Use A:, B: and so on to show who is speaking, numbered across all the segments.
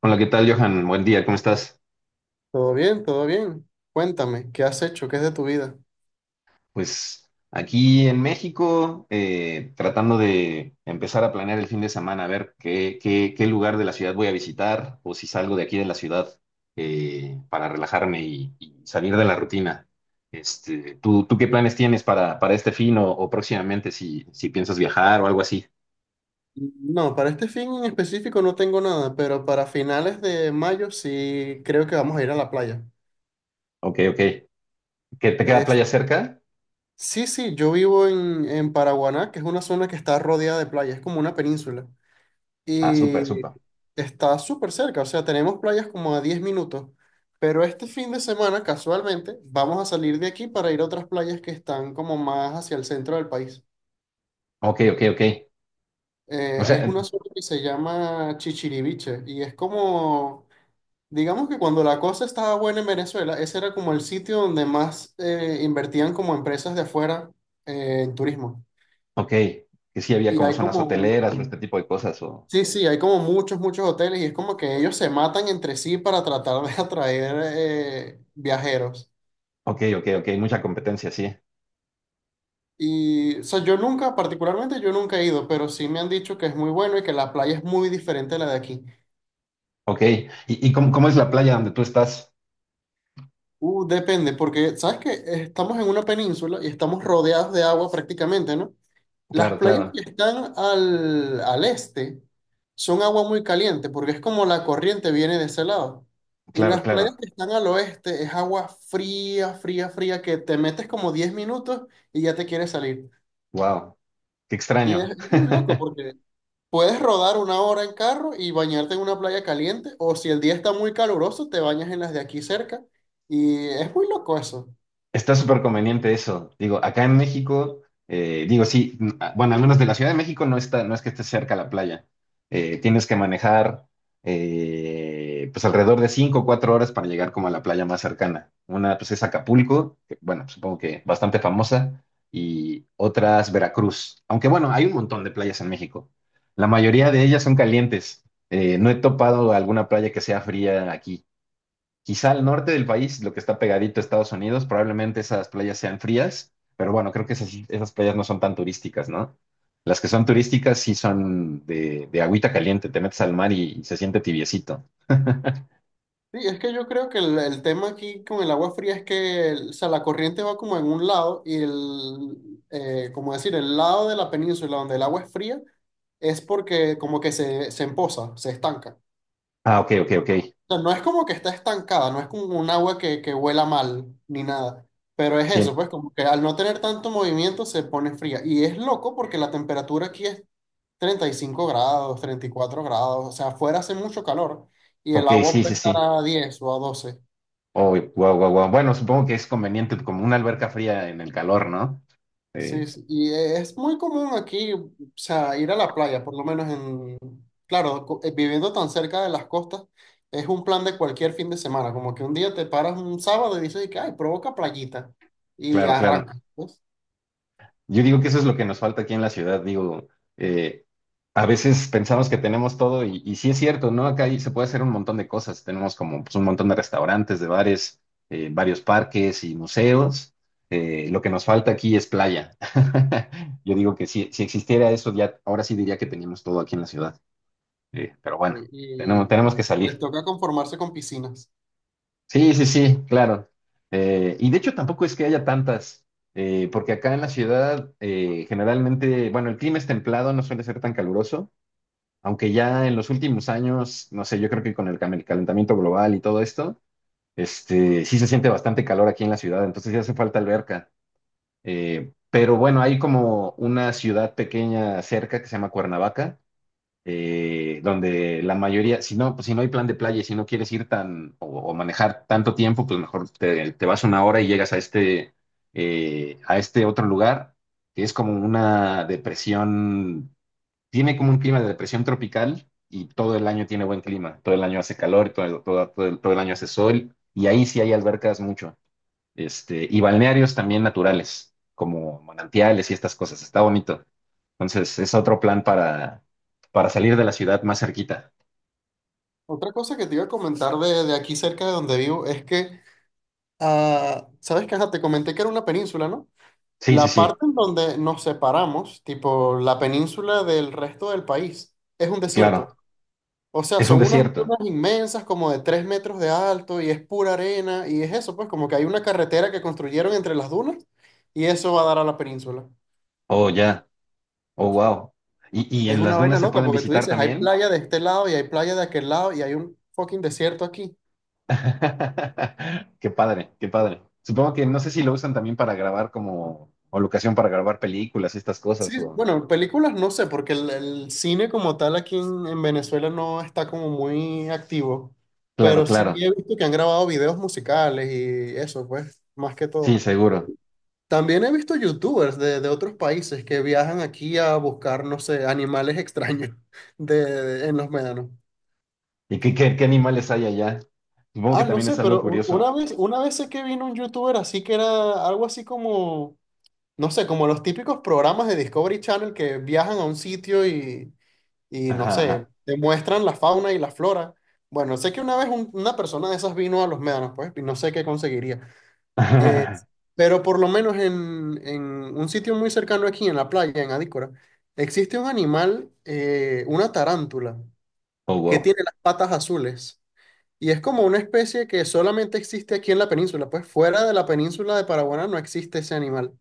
A: Hola, ¿qué tal, Johan? Buen día, ¿cómo estás?
B: Todo bien, todo bien. Cuéntame, ¿qué has hecho? ¿Qué es de tu vida?
A: Pues aquí en México, tratando de empezar a planear el fin de semana, a ver qué lugar de la ciudad voy a visitar o si salgo de aquí de la ciudad para relajarme y salir de la rutina. Este, tú qué planes tienes para este fin o próximamente si piensas viajar o algo así?
B: No, para este fin en específico no tengo nada, pero para finales de mayo sí creo que vamos a ir a la playa.
A: Ok, ok. ¿Que te queda
B: Es,
A: playa cerca?
B: sí, sí, yo vivo en Paraguaná, que es una zona que está rodeada de playas, es como una península.
A: Ah, súper,
B: Y
A: súper.
B: está súper cerca, o sea, tenemos playas como a 10 minutos. Pero este fin de semana, casualmente, vamos a salir de aquí para ir a otras playas que están como más hacia el centro del país.
A: Ok, ok, ok. O sea,
B: Es una sopa que se llama chichiriviche y es como, digamos que cuando la cosa estaba buena en Venezuela, ese era como el sitio donde más invertían como empresas de afuera en turismo.
A: ok, que sí había
B: Y
A: como
B: hay
A: zonas
B: como,
A: hoteleras o este tipo de cosas o...
B: sí, sí, hay como muchos, muchos hoteles y es como que ellos se matan entre sí para tratar de atraer viajeros.
A: Ok, ok, ok, mucha competencia, sí.
B: Y, o sea, yo nunca, particularmente yo nunca he ido, pero sí me han dicho que es muy bueno y que la playa es muy diferente a la de aquí.
A: Ok, y cómo, ¿cómo es la playa donde tú estás?
B: Depende, porque sabes que estamos en una península y estamos rodeados de agua prácticamente, ¿no? Las
A: Claro,
B: playas
A: claro,
B: que están al este son agua muy caliente, porque es como la corriente viene de ese lado. Y
A: claro,
B: las playas
A: claro.
B: que están al oeste es agua fría, fría, fría, que te metes como 10 minutos y ya te quieres salir.
A: Wow, qué
B: Y
A: extraño.
B: es muy loco porque puedes rodar una hora en carro y bañarte en una playa caliente, o si el día está muy caluroso, te bañas en las de aquí cerca. Y es muy loco eso.
A: Está súper conveniente eso. Digo, acá en México, digo, sí, n- a- bueno, al menos de la Ciudad de México no está, no es que esté cerca la playa. Tienes que manejar pues alrededor de 5, o 4 horas para llegar como a la playa más cercana. Una pues es Acapulco, que, bueno, supongo que bastante famosa, y otras Veracruz. Aunque bueno, hay un montón de playas en México. La mayoría de ellas son calientes. No he topado alguna playa que sea fría aquí. Quizá al norte del país, lo que está pegadito a Estados Unidos, probablemente esas playas sean frías, pero bueno, creo que esas playas no son tan turísticas, ¿no? Las que son turísticas sí son de agüita caliente, te metes al mar y se siente tibiecito.
B: Sí, es que yo creo que el tema aquí con el agua fría es que o sea, la corriente va como en un lado y el, como decir, el lado de la península donde el agua es fría es porque como que se empoza, se estanca.
A: Ah, ok, ok, ok.
B: O sea, no es como que está estancada, no es como un agua que huela mal ni nada, pero es eso,
A: Sí,
B: pues como que al no tener tanto movimiento se pone fría. Y es loco porque la temperatura aquí es 35 grados, 34 grados, o sea, afuera hace mucho calor y el
A: ok,
B: agua
A: sí, sí,
B: puede estar
A: sí.
B: a 10 o a 12.
A: Oh, wow, wow, wow. Bueno, supongo que es conveniente como una alberca fría en el calor, ¿no?
B: Sí,
A: Eh,
B: sí, y es muy común aquí, o sea, ir a la playa, por lo menos en, claro, viviendo tan cerca de las costas, es un plan de cualquier fin de semana, como que un día te paras un sábado y dices, y que, ay, provoca playita, y
A: claro, claro.
B: arrancas, pues,
A: Yo digo que eso es lo que nos falta aquí en la ciudad, digo, eh, a veces pensamos que tenemos todo y sí es cierto, ¿no? Acá hay- se puede hacer un montón de cosas, tenemos como pues, un montón de restaurantes, de bares, varios parques y museos. Lo que nos falta aquí es playa. Yo digo que si existiera eso, ya ahora sí diría que teníamos todo aquí en la ciudad. Pero bueno, tenemos, tenemos
B: y
A: que salir.
B: les toca conformarse con piscinas.
A: Sí, sí, sí, claro. Y de hecho tampoco es que haya tantas, porque acá en la ciudad generalmente, bueno, el clima es templado, no suele ser tan caluroso, aunque ya en los últimos años, no sé, yo creo que con el el calentamiento global y todo esto, este, sí se siente bastante calor aquí en la ciudad, entonces ya hace falta alberca. Pero bueno, hay como una ciudad pequeña cerca que se llama Cuernavaca donde la mayoría, si no, pues, si no hay plan de playa y si no quieres ir tan o manejar tanto tiempo, pues mejor te vas una hora y llegas a este otro lugar, que es como una depresión, tiene como un clima de depresión tropical y todo el año tiene buen clima, todo el año hace calor, todo el año hace sol y ahí sí hay albercas mucho este, y balnearios también naturales, como manantiales y estas cosas. Está bonito. Entonces, es otro plan para salir de la ciudad más cerquita.
B: Otra cosa que te iba a comentar de aquí cerca de donde vivo es que, ah, sabes que, ajá, te comenté que era una península, ¿no?
A: Sí, sí,
B: La
A: sí,
B: parte en donde nos separamos, tipo la península del resto del país, es un desierto.
A: claro.
B: O sea,
A: Es un
B: son unas
A: desierto.
B: dunas inmensas como de 3 metros de alto y es pura arena y es eso, pues como que hay una carretera que construyeron entre las dunas y eso va a dar a la península.
A: Oh, ya. Oh, wow. Y
B: Es
A: en
B: una
A: las
B: vaina
A: dunas se
B: loca
A: pueden
B: porque tú
A: visitar
B: dices, hay
A: también?
B: playa de este lado y hay playa de aquel lado y hay un fucking desierto aquí.
A: Qué padre, qué padre. Supongo que no sé si lo usan también para grabar como, o locación para grabar películas y estas
B: Sí,
A: cosas. O...
B: bueno, películas no sé, porque el cine como tal aquí en Venezuela no está como muy activo,
A: Claro,
B: pero sí
A: claro.
B: he visto que han grabado videos musicales y eso, pues, más que todo.
A: Sí, seguro.
B: También he visto youtubers de otros países que viajan aquí a buscar, no sé, animales extraños de, en los médanos.
A: ¿Y qué animales hay allá? Supongo que
B: Ah, no
A: también es
B: sé,
A: algo
B: pero
A: curioso.
B: una vez sé que vino un youtuber así que era algo así como, no sé, como los típicos programas de Discovery Channel que viajan a un sitio y no sé,
A: Ajá,
B: te muestran la fauna y la flora. Bueno, sé que una vez una persona de esas vino a los médanos, pues, y no sé qué conseguiría. Eh,
A: ajá.
B: pero por lo menos en un sitio muy cercano aquí, en la playa, en Adícora, existe un animal, una tarántula,
A: Oh,
B: que
A: wow.
B: tiene las patas azules. Y es como una especie que solamente existe aquí en la península, pues fuera de la península de Paraguaná no existe ese animal.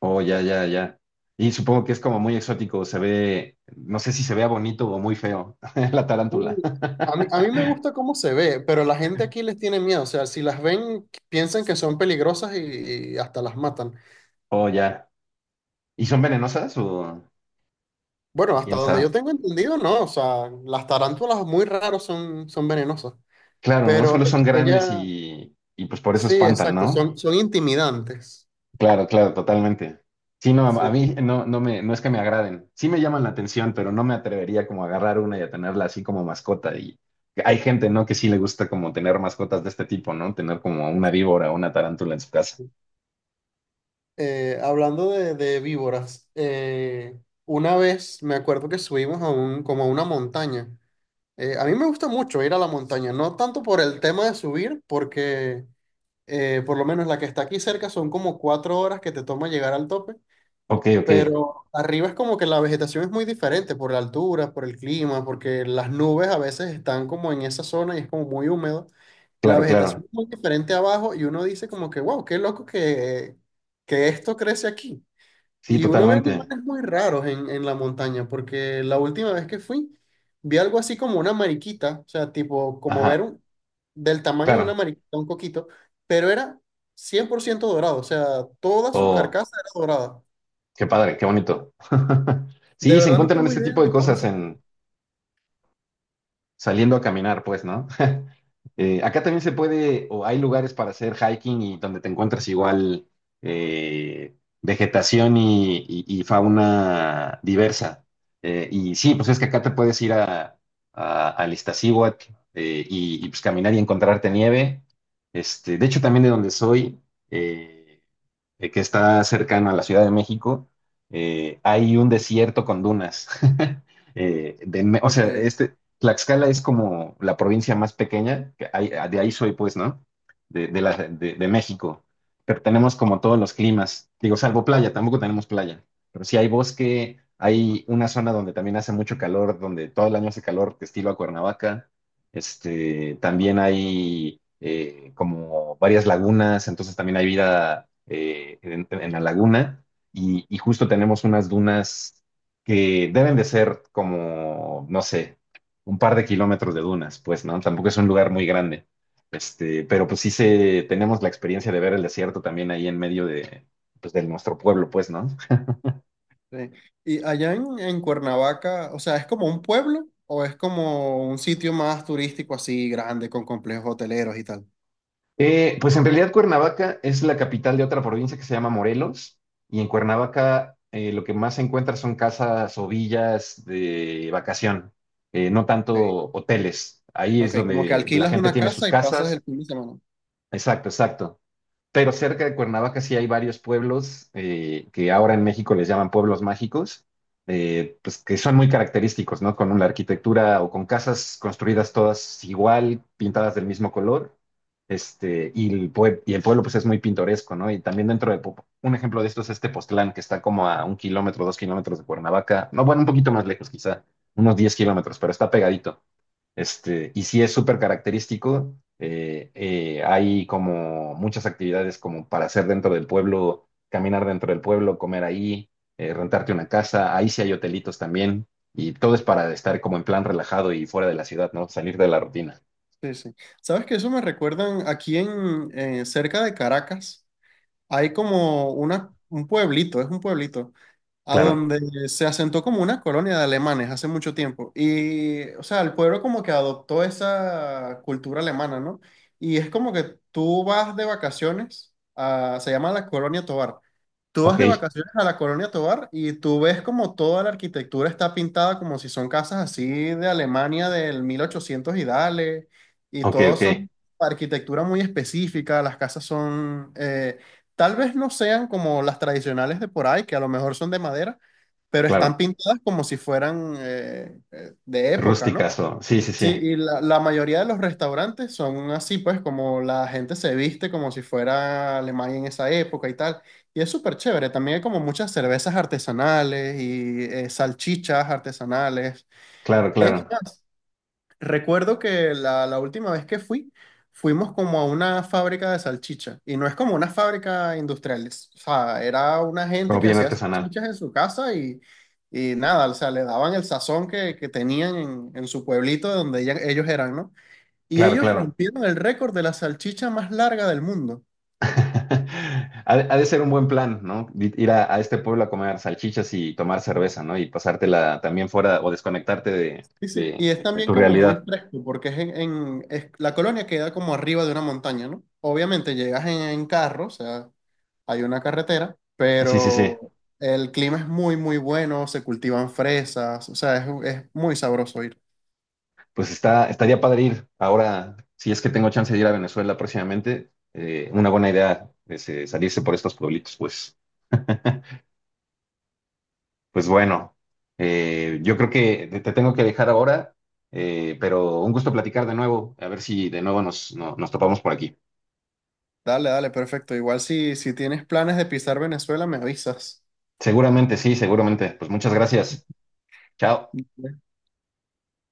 A: Oh, ya, ya, ya. Y supongo que es como muy exótico, se ve, no sé si se vea bonito o muy feo, la tarántula.
B: Uy, a mí me gusta cómo se ve, pero la gente aquí les tiene miedo. O sea, si las ven, piensan que son peligrosas y hasta las matan.
A: Oh, ya. ¿Y son venenosas
B: Bueno,
A: o
B: hasta
A: quién
B: donde yo
A: sabe?
B: tengo entendido, no. O sea, las tarántulas muy raros son, son venenosas.
A: Claro, ¿no?
B: Pero
A: Solo son grandes
B: ella,
A: y pues por eso
B: sí,
A: espantan,
B: exacto,
A: ¿no?
B: son, son intimidantes.
A: Claro, claro, totalmente. Sí, no, a
B: Sí.
A: mí no, no me, no es que me agraden. Sí me llaman la atención, pero no me atrevería como a agarrar una y a tenerla así como mascota. Y hay gente, ¿no? Que sí le gusta como tener mascotas de este tipo, ¿no? Tener como una víbora o una tarántula en su casa.
B: Hablando de víboras, una vez me acuerdo que subimos a un, como a una montaña. A mí me gusta mucho ir a la montaña, no tanto por el tema de subir, porque por lo menos la que está aquí cerca son como 4 horas que te toma llegar al tope,
A: Ok, ok,
B: pero arriba es como que la vegetación es muy diferente por la altura, por el clima, porque las nubes a veces están como en esa zona y es como muy húmedo. La
A: claro,
B: vegetación
A: claro.
B: es muy diferente abajo y uno dice como que, wow, qué loco que esto crece aquí.
A: Sí,
B: Y uno ve
A: totalmente.
B: animales muy raros en la montaña, porque la última vez que fui, vi algo así como una mariquita, o sea, tipo, como ver
A: Ajá,
B: un, del tamaño de una
A: claro.
B: mariquita, un coquito, pero era 100% dorado, o sea, toda su
A: Oh,
B: carcasa era dorada.
A: qué padre, qué bonito.
B: De
A: Sí, se
B: verdad no
A: encuentran
B: tengo
A: este
B: idea
A: tipo de
B: de cómo
A: cosas
B: se llama.
A: en saliendo a caminar, pues, ¿no? Acá también se puede, o hay lugares para hacer hiking y donde te encuentras igual eh, vegetación y fauna diversa. Y sí, pues es que acá te puedes ir a, al Iztaccíhuatl, y, pues caminar y encontrarte nieve. Este, de hecho, también de donde soy, eh, que está cercano a la Ciudad de México, hay un desierto con dunas. De o
B: Ok,
A: sea, este, Tlaxcala es como la provincia más pequeña, que hay- de ahí soy pues, ¿no? De, de México. Pero tenemos como todos los climas, digo, salvo playa, tampoco tenemos playa, pero sí hay bosque, hay una zona donde también hace mucho calor, donde todo el año hace calor, estilo a Cuernavaca. Este, también hay como varias lagunas, entonces también hay vida en la laguna y justo tenemos unas dunas que deben de ser como, no sé, un par de kilómetros de dunas, pues, ¿no? Tampoco es un lugar muy grande. Este, pero pues sí se, tenemos la experiencia de ver el desierto también ahí en medio de, pues, de nuestro pueblo, pues, ¿no?
B: sí. Y allá en Cuernavaca, o sea, ¿es como un pueblo o es como un sitio más turístico así grande con complejos hoteleros y tal?
A: Pues en realidad Cuernavaca es la capital de otra provincia que se llama Morelos y en Cuernavaca lo que más se encuentra son casas o villas de vacación, no
B: Ok.
A: tanto hoteles. Ahí es
B: Ok, como que
A: donde la
B: alquilas
A: gente
B: una
A: tiene sus
B: casa y pasas el
A: casas.
B: fin de semana.
A: Exacto, exacto. Pero cerca de Cuernavaca sí hay varios pueblos que ahora en México les llaman pueblos mágicos, pues que son muy característicos, ¿no? Con la arquitectura o con casas construidas todas igual, pintadas del mismo color, este, y y el pueblo pues es muy pintoresco, ¿no? Y también dentro de, un ejemplo de esto es este Postlán, que está como a un kilómetro, dos kilómetros de Cuernavaca, no, bueno, un poquito más lejos quizá, unos 10 kilómetros, pero está pegadito. Este, y sí es súper característico. Hay como muchas actividades como para hacer dentro del pueblo, caminar dentro del pueblo, comer ahí, rentarte una casa. Ahí sí hay hotelitos también. Y todo es para estar como en plan relajado y fuera de la ciudad, ¿no? Salir de la rutina.
B: Sí, sí. ¿Sabes? Que Eso me recuerdan aquí en cerca de Caracas hay como una, un pueblito, es un pueblito, a
A: Claro.
B: donde se asentó como una colonia de alemanes hace mucho tiempo. Y, o sea, el pueblo como que adoptó esa cultura alemana, ¿no? Y es como que tú vas de vacaciones a, se llama la Colonia Tovar. Tú vas
A: Ok,
B: de vacaciones a la Colonia Tovar y tú ves como toda la arquitectura está pintada como si son casas así de Alemania del 1800 y dale, y
A: ok,
B: todos
A: ok.
B: son arquitectura muy específica, las casas son tal vez no sean como las tradicionales de por ahí, que a lo mejor son de madera, pero están
A: Claro.
B: pintadas como si fueran de época, ¿no?
A: Rusticazo. Sí, sí,
B: Sí,
A: sí.
B: y la mayoría de los restaurantes son así, pues como la gente se viste como si fuera Alemania en esa época y tal. Y es súper chévere, también hay como muchas cervezas artesanales y salchichas artesanales.
A: Claro,
B: Es
A: claro.
B: más, recuerdo que la última vez que fui, fuimos como a una fábrica de salchicha. Y no es como una fábrica industrial. O sea, era una gente
A: Como
B: que
A: bien
B: hacía
A: artesanal.
B: salchichas en su casa y nada, o sea, le daban el sazón que tenían en su pueblito de donde ellos eran, ¿no? Y
A: Claro,
B: ellos
A: claro.
B: rompieron el récord de la salchicha más larga del mundo.
A: Ha ha de ser un buen plan, ¿no? Ir a este pueblo a comer salchichas y tomar cerveza, ¿no? Y pasártela también fuera o desconectarte
B: Sí, sí. Y es
A: de
B: también
A: tu
B: como muy
A: realidad.
B: fresco, porque es en, la colonia queda como arriba de una montaña, ¿no? Obviamente llegas en carro, o sea, hay una carretera,
A: Sí, sí, sí.
B: pero el clima es muy, muy bueno, se cultivan fresas, o sea, es muy sabroso ir.
A: Pues está, estaría padre ir. Ahora, si es que tengo chance de ir a Venezuela próximamente, una buena idea es salirse por estos pueblitos. Pues, pues bueno, yo creo que te tengo que dejar ahora, pero un gusto platicar de nuevo. A ver si de nuevo nos, nos topamos por aquí.
B: Dale, dale, perfecto. Igual si, si tienes planes de pisar Venezuela, me avisas.
A: Seguramente, sí, seguramente. Pues muchas gracias. Chao.